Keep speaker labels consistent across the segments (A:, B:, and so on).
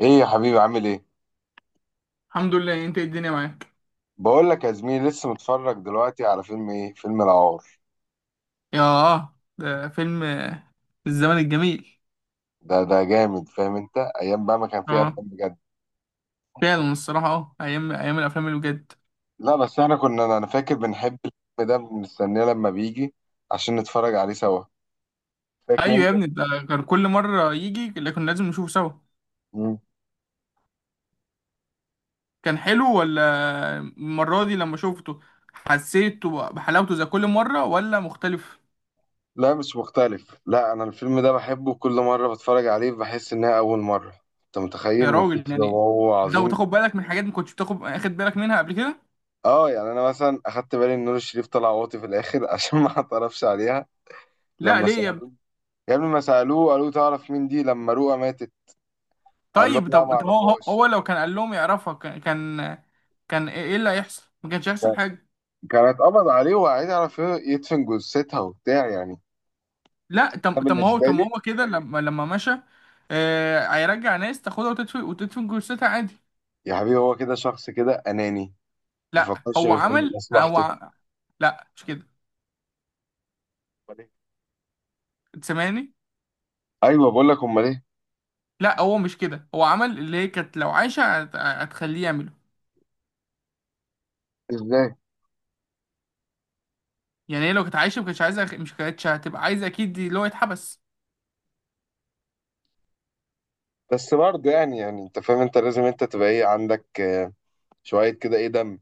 A: ايه يا حبيبي عامل ايه؟
B: الحمد لله، انت ايه الدنيا معاك؟
A: بقول لك يا زميلي، لسه متفرج دلوقتي على فيلم ايه. فيلم العار.
B: ياه، ده فيلم الزمن الجميل.
A: ده جامد، فاهم؟ انت ايام بقى ما كان فيه
B: اه،
A: افلام بجد.
B: فعلا الصراحة، ايام الافلام اللي بجد.
A: لا بس احنا كنا، انا فاكر بنحب الفيلم ده، بنستناه لما بيجي عشان نتفرج عليه سوا. فاكر
B: ايوه يا
A: انت؟
B: ابني، ده كان كل مرة يجي اللي كنا لازم نشوفه سوا.
A: مم.
B: كان حلو؟ ولا المرة دي لما شوفته حسيته بحلاوته زي كل مرة ولا مختلف؟
A: لا مش مختلف، لا انا الفيلم ده بحبه، كل مره بتفرج عليه بحس انها اول مره. انت متخيل
B: يا
A: من
B: راجل،
A: كتر ما
B: يعني
A: هو
B: لو
A: عظيم.
B: تاخد بالك من حاجات ما كنتش اخد بالك منها قبل كده.
A: اه يعني انا مثلا اخدت بالي ان نور الشريف طلع واطي في الاخر عشان ما اعترفش عليها
B: لا،
A: لما
B: ليه يا ابني؟
A: سألوه. يا ابني ما سألوه قالوا تعرف مين دي لما رؤى ماتت، قال لهم
B: طيب
A: لا ما
B: طب طب هو هو
A: اعرفهاش.
B: هو لو كان قال لهم يعرفها كان كان ايه اللي هيحصل؟ ما كانش هيحصل
A: كان-
B: حاجة.
A: كانت قبض عليه وعايز يعرف يدفن جثتها وبتاع يعني.
B: لا، طب
A: انا
B: طب
A: بالنسبة
B: ما
A: لي،
B: هو كده لما مشى. هيرجع ناس تاخدها وتدفن جثتها عادي.
A: يا حبيبي هو كده، شخص كده أناني، ما
B: لا،
A: فكرش
B: هو
A: غير في
B: عمل
A: مصلحته.
B: لا، مش كده.
A: أمال إيه؟
B: سامعني؟
A: ايوه بقول لك، امال ايه؟
B: لا، هو مش كده، هو عمل اللي هي كانت لو عايشه هتخليه يعمله.
A: ازاي؟
B: يعني هي لو كانت عايشه ما كانتش عايزه مش كانتش هتبقى عايزه اكيد دي اللي هو يتحبس.
A: بس برضه يعني، انت فاهم، انت لازم انت تبقى ايه، عندك شوية كده ايه، دم.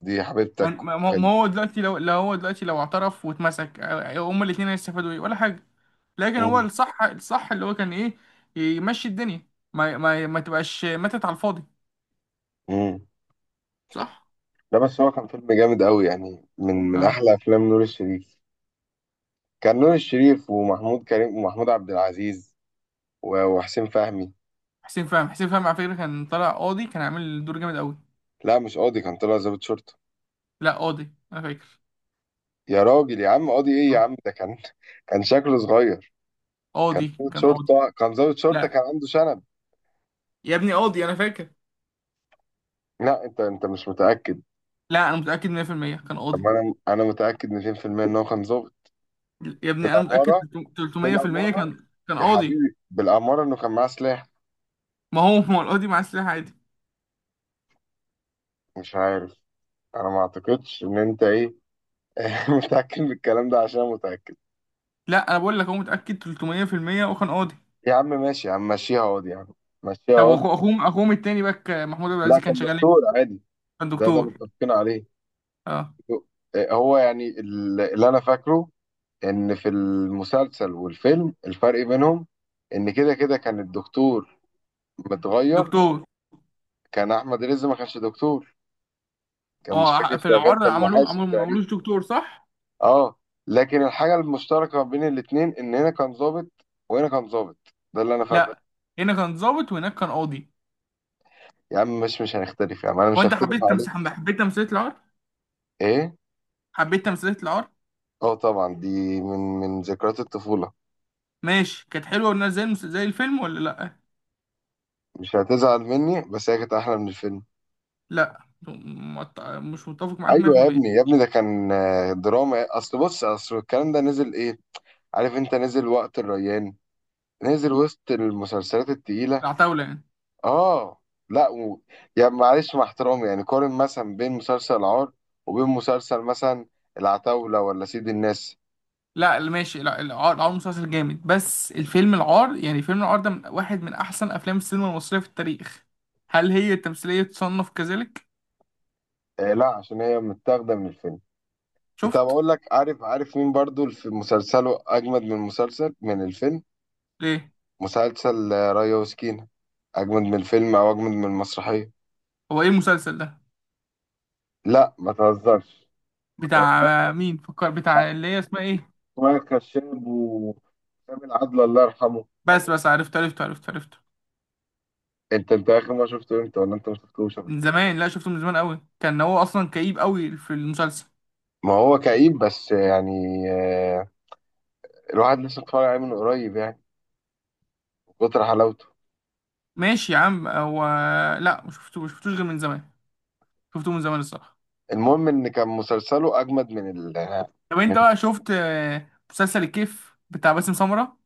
A: دي حبيبتك
B: ما هو ما
A: وكده.
B: هو دلوقتي لو اعترف واتمسك، هما الاثنين هيستفادوا ايه ولا حاجه؟ لكن هو
A: مم.
B: الصح اللي هو كان ايه يمشي الدنيا، ما تبقاش ماتت على الفاضي.
A: مم.
B: صح.
A: ده بس هو كان فيلم جامد قوي يعني، من
B: اه،
A: احلى افلام نور الشريف. كان نور الشريف ومحمود كريم ومحمود عبد العزيز وحسين فهمي.
B: حسين فهمي على فكرة كان طالع قاضي، كان عامل دور جامد قوي.
A: لا مش قاضي، كان طلع ضابط شرطة.
B: لا، قاضي انا فاكر.
A: يا راجل يا عم، قاضي ايه يا
B: آه.
A: عم، ده كان كان شكله صغير. كان
B: قاضي.
A: ضابط
B: كان قاضي.
A: شرطة، كان ضابط شرطة، كان
B: لا.
A: عنده شنب.
B: يا ابني، قاضي انا فاكر.
A: لا انت مش متأكد.
B: لا، انا متأكد 100% كان
A: طب
B: قاضي.
A: ما انا متأكد 200% ان هو كان ضابط.
B: يا ابني، انا متأكد
A: بالأمارة.
B: 300%
A: بالأمارة
B: كان
A: يا
B: قاضي.
A: حبيبي، بالأمارة انه كان معاه سلاح.
B: ما هو القاضي معاه سلاح عادي.
A: مش عارف، انا ما اعتقدش ان انت ايه متأكد بالكلام ده، عشان أنا متأكد.
B: لا، انا بقول لك، هو متأكد 300% وكان قاضي.
A: يا عم ماشي، يا عم مشيها قاضي يا عم، مشيها.
B: طب، اخوهم التاني باك محمود عبد
A: لا
B: العزيز كان
A: كان
B: شغال ايه؟
A: دكتور عادي.
B: كان
A: ده
B: دكتور.
A: متفقين عليه.
B: اه،
A: هو يعني اللي انا فاكره، ان في المسلسل والفيلم الفرق بينهم ان كده كان الدكتور متغير.
B: دكتور.
A: كان احمد رزق ما كانش دكتور، كان مش
B: اه،
A: فاكر
B: في
A: شغال،
B: العار
A: كان
B: عملوه
A: محاسب
B: عملوه ما
A: تقريبا.
B: عملوش دكتور، صح؟
A: اه. لكن الحاجه المشتركه بين الاتنين ان هنا كان ظابط وهنا كان ظابط. ده اللي انا فاكره.
B: لا، هنا كان ضابط وهناك كان قاضي.
A: يا عم مش هنختلف يا عم، انا
B: هو
A: مش
B: انت
A: هختلف عليك.
B: حبيت تمثيلية العار؟
A: ايه؟
B: حبيت تمثيلية العار؟
A: اه طبعا، دي من ذكريات الطفوله.
B: ماشي، كانت حلوة والناس زي الفيلم ولا لا؟
A: مش هتزعل مني، بس هي كانت احلى من الفيلم.
B: لا، مش متفق معاك
A: ايوه يا
B: 100%.
A: ابني، ده كان دراما. اصل بص، اصل الكلام ده نزل ايه، عارف انت، نزل وقت الريان، نزل وسط المسلسلات التقيله.
B: العتاولة يعني؟
A: اه. لا يا معلش مع احترامي يعني، قارن مثلا بين مسلسل العار وبين مسلسل مثلا العتاوله ولا سيد الناس.
B: لا ماشي، لا، العار مسلسل جامد، بس الفيلم العار، يعني فيلم العار ده واحد من احسن افلام السينما المصرية في التاريخ. هل هي التمثيلية تصنف كذلك؟
A: آه لا، عشان هي متاخده من الفيلم. طب
B: شفت.
A: اقول لك، عارف مين برضو في مسلسله اجمد من مسلسل، من الفيلم؟
B: ليه؟
A: مسلسل ريا وسكينه، اجمد من الفيلم او اجمد من المسرحيه.
B: هو ايه المسلسل ده؟
A: لا ما تهزرش.
B: بتاع مين، فكر، بتاع اللي هي اسمها ايه؟
A: وكشاب وسام العدل الله يرحمه.
B: بس بس، عرفت عرفت عرفت عرفت.
A: انت اخر ما شفته امتى، ولا انت ما شفتوش قبل
B: من
A: كده؟
B: زمان، لا شفته من زمان قوي، كان هو اصلا كئيب قوي في المسلسل.
A: ما هو كئيب بس يعني، آه، الواحد لسه اتفرج عليه من قريب يعني، من كتر حلاوته.
B: ماشي يا عم، هو، لا ما شفتوش غير من زمان. شفته من زمان الصراحه.
A: المهم ان كان مسلسله اجمد من ال،
B: طب انت
A: من
B: بقى شفت مسلسل الكيف بتاع باسم سمرة؟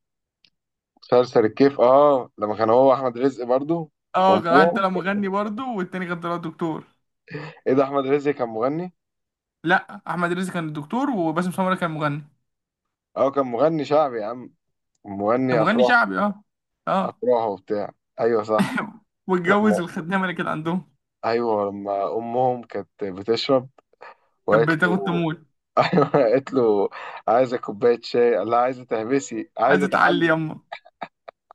A: مسلسل الكيف. اه لما كان هو احمد رزق برضو
B: اه، كان واحد
A: وامه.
B: طلع مغني برضه والتاني كان طلع دكتور.
A: ايه ده، احمد رزق كان مغني؟
B: لا، احمد رزق كان الدكتور وباسم سمرة كان مغني.
A: اه كان مغني شعبي يا عم،
B: كان
A: مغني
B: مغني
A: افراح.
B: شعبي، اه. اه.
A: افراح وبتاع. ايوه صح.
B: واتجوز
A: لما
B: الخدامه اللي كانت عندهم.
A: ايوه لما امهم كانت بتشرب
B: كانت
A: وقالت
B: بتاخد
A: له،
B: تمويل.
A: ايوه قالت له عايزه كوبايه شاي، قال لها عايزه تهبسي
B: عايزه
A: عايزه
B: تعلي
A: تعلي.
B: يما،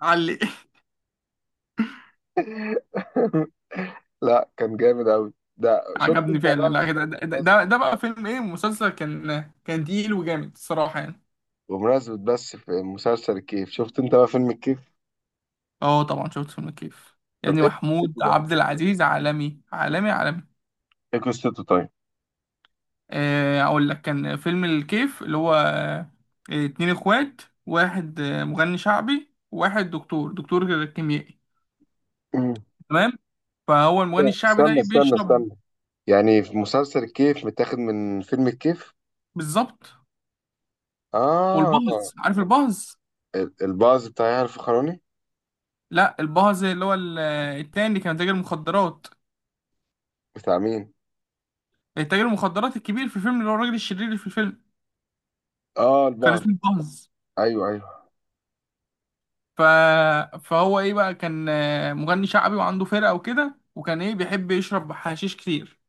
B: علي!
A: لا كان جامد قوي ده، شفت
B: عجبني
A: انت بقى.
B: فعلا. لا، ده ده, ده
A: بمناسبه
B: ده بقى فيلم ايه مسلسل كان تقيل وجامد الصراحه يعني.
A: بمناسبة، بس في مسلسل الكيف، شفت انت بقى فيلم الكيف؟
B: اه طبعا، شفت فيلم كيف. يا
A: طب
B: ابني،
A: ايه
B: محمود
A: قصته بقى،
B: عبد العزيز عالمي عالمي عالمي.
A: ايه قصته طيب.
B: اقول لك، كان فيلم الكيف اللي هو اتنين اخوات، واحد مغني شعبي وواحد دكتور كيميائي.
A: مم.
B: تمام. فهو المغني الشعبي ده بيشرب.
A: استنى يعني في مسلسل الكيف متاخد من فيلم الكيف.
B: بالظبط.
A: اه.
B: والبهز، عارف البهز؟
A: الباز بتاع يحيى الفخراني.
B: لا، البهز اللي هو التاني اللي كان تاجر مخدرات،
A: بتاع مين؟
B: التاجر المخدرات الكبير في الفيلم، اللي هو الراجل الشرير اللي في الفيلم.
A: اه
B: كان
A: البعض.
B: اسمه البهز.
A: ايوه ايوه.
B: ف... فهو ايه بقى، كان مغني شعبي وعنده فرقة وكده، وكان ايه بيحب يشرب حشيش كتير.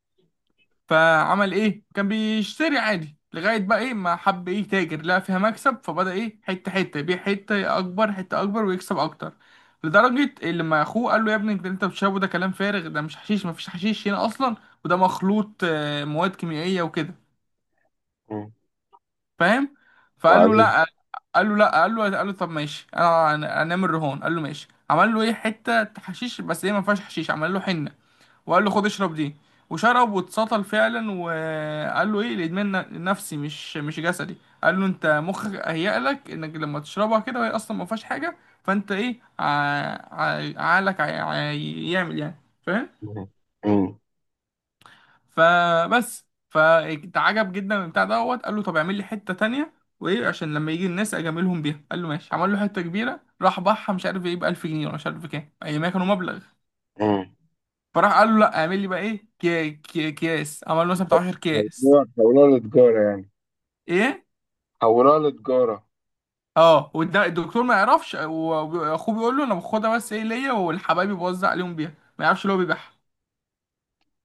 B: فعمل ايه، كان بيشتري عادي، لغاية بقى ايه ما حب ايه تاجر، لقى فيها مكسب فبدأ ايه حتة حتة يبيع، حتة أكبر حتة أكبر، ويكسب أكتر. لدرجة اللي ما أخوه قال له: يا ابني، انت بتشربه ده كلام فارغ، ده مش حشيش، مفيش حشيش هنا أصلا، وده مخلوط مواد كيميائية وكده.
A: مم.
B: فاهم؟ فقال له:
A: وبعدين؟
B: لا. قال له: لا. قال له: طب ماشي. انا انام الرهان. قال له: ماشي. عمل له ايه حته حشيش بس هي ما فيهاش حشيش، عمل له حنه، وقال له: خد اشرب دي. وشرب واتسطل فعلا، وقال له: ايه الادمان نفسي مش جسدي. قال له: انت مخك هيأ لك انك لما تشربها كده وهي اصلا ما فيهاش حاجه، فانت ايه عقلك هيعمل يعني. فاهم؟
A: مم. مم.
B: فبس، فاتعجب جدا من البتاع دوت، قال له: طب اعمل لي حته تانية، وايه عشان لما يجي الناس اجاملهم بيها. قال له: ماشي. عمل له حته كبيره راح باعها، مش عارف ايه ب 1000 جنيه ولا مش عارف كام، ايامها كانوا مبلغ.
A: مم.
B: فراح قال له: لا، اعمل لي بقى ايه كي كي كياس. عمل له مثلا بتاع 10 كياس.
A: موضوع التجارة يعني،
B: ايه؟
A: حولها لتجارة.
B: اه، الدكتور ما يعرفش، واخوه بيقول له: انا باخدها بس ايه ليا والحبايب بوزع عليهم بيها. ما يعرفش اللي هو بيبيعها.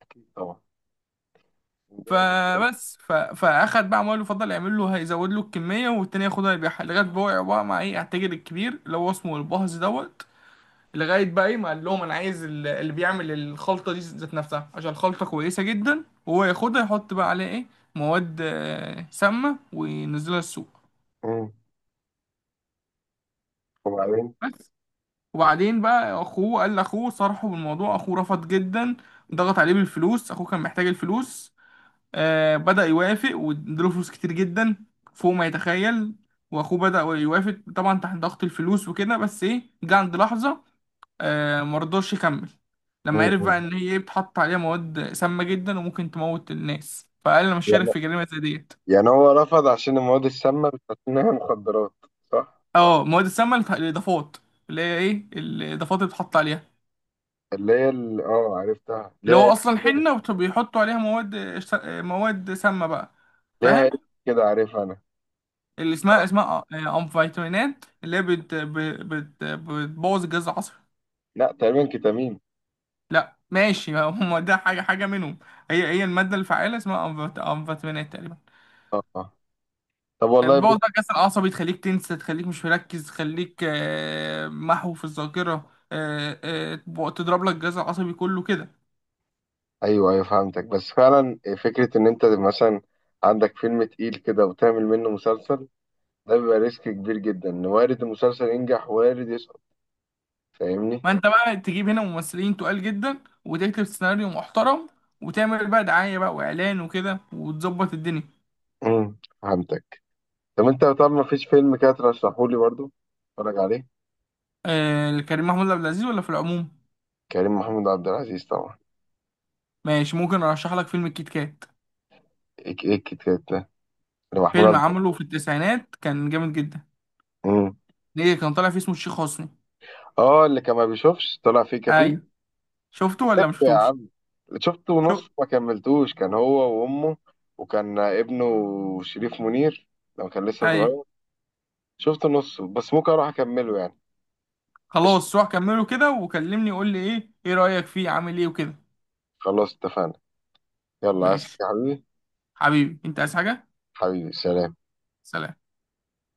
A: أكيد طبعا، جامد برضه.
B: فبس، فاخد بقى عمال يفضل يعمل له، هيزود له الكميه والتاني ياخدها يبيعها، لغايه بقى وقع بقى مع ايه التاجر الكبير اللي هو اسمه البهز دوت. لغايه بقى ايه ما قال لهم: انا عايز اللي بيعمل الخلطه دي ذات نفسها، عشان الخلطه كويسه جدا، وهو ياخدها يحط بقى عليها ايه مواد سامه، وينزلها السوق.
A: مم. وبعدين؟
B: بس. وبعدين بقى، اخوه قال لاخوه صرحه بالموضوع، اخوه رفض جدا. ضغط عليه بالفلوس، اخوه كان محتاج الفلوس، بدأ يوافق، واداله فلوس كتير جدا فوق ما يتخيل، واخوه بدأ يوافق طبعا تحت ضغط الفلوس وكده، بس ايه، جه عند لحظة مرضاش يكمل، لما عرف
A: مم.
B: بقى ان هي ايه بتحط عليها مواد سامة جدا وممكن تموت الناس، فقال: انا مش شارك
A: يعني
B: في جريمة زي ديت.
A: هو رفض عشان المواد السامة مش عشان هي مخدرات، صح؟
B: اه، مواد السامة، الاضافات، اللي هي ايه الاضافات اللي بتحط عليها،
A: اللي هي ال... اه عرفتها،
B: اللي
A: ليها
B: هو
A: اسم
B: اصلا
A: كده.
B: حنة وبيحطوا عليها مواد، مواد سامة بقى.
A: ليها
B: فاهم؟
A: اسم كده، عارفها أنا.
B: اللي
A: آه.
B: اسمها أمفيتامينات، اللي هي بت ب- بت بتبوظ الجهاز العصبي.
A: لا تقريبا كتامين.
B: لا ماشي، هم ده حاجة منهم. هي هي المادة الفعالة اسمها أمفيتامينات تقريبا.
A: اه. آه. طب والله
B: بتبوظ
A: بص،
B: بقى الجهاز العصبي، تخليك تنسى، تخليك مش مركز، تخليك محو في الذاكرة، تضرب لك الجهاز العصبي كله كده.
A: ايوه ايوه فهمتك. بس فعلا فكرة ان انت مثلا عندك فيلم تقيل كده وتعمل منه مسلسل، ده بيبقى ريسك كبير جدا، ان وارد المسلسل ينجح وارد يسقط. فاهمني؟
B: ما انت بقى تجيب هنا ممثلين تقال جدا، وتكتب سيناريو محترم، وتعمل بقى دعاية بقى وإعلان وكده، وتظبط الدنيا.
A: مم. فهمتك. طب انت، طب ما فيش فيلم كده ترشحه لي برضه اتفرج عليه.
B: كريم محمود عبد العزيز ولا في العموم؟
A: كريم محمود عبد العزيز طبعا.
B: ماشي، ممكن ارشح لك فيلم الكيت كات.
A: ايك ايك، كده ده، اللي محمود
B: فيلم
A: عبد.
B: عمله في التسعينات، كان جامد جدا.
A: مم.
B: ليه كان طالع فيه اسمه الشيخ حسني.
A: اه اللي كان ما بيشوفش، طلع فيه كفيف.
B: ايوه. شفته ولا ما
A: يا
B: شفتوش؟
A: عم شفته
B: شو؟
A: ونص ما كملتوش، كان هو وامه، وكان ابنه شريف منير لما كان لسه
B: ايوه.
A: صغير. شفت نصه، بس ممكن اروح اكمله يعني. قشطة،
B: خلاص، روح كمله كده وكلمني، قول لي ايه رأيك فيه، عامل ايه وكده.
A: خلاص اتفقنا. يلا عايز حاجة
B: ماشي.
A: يا حبيبي؟
B: حبيبي، انت عايز حاجة؟
A: حبيبي سلام.
B: سلام.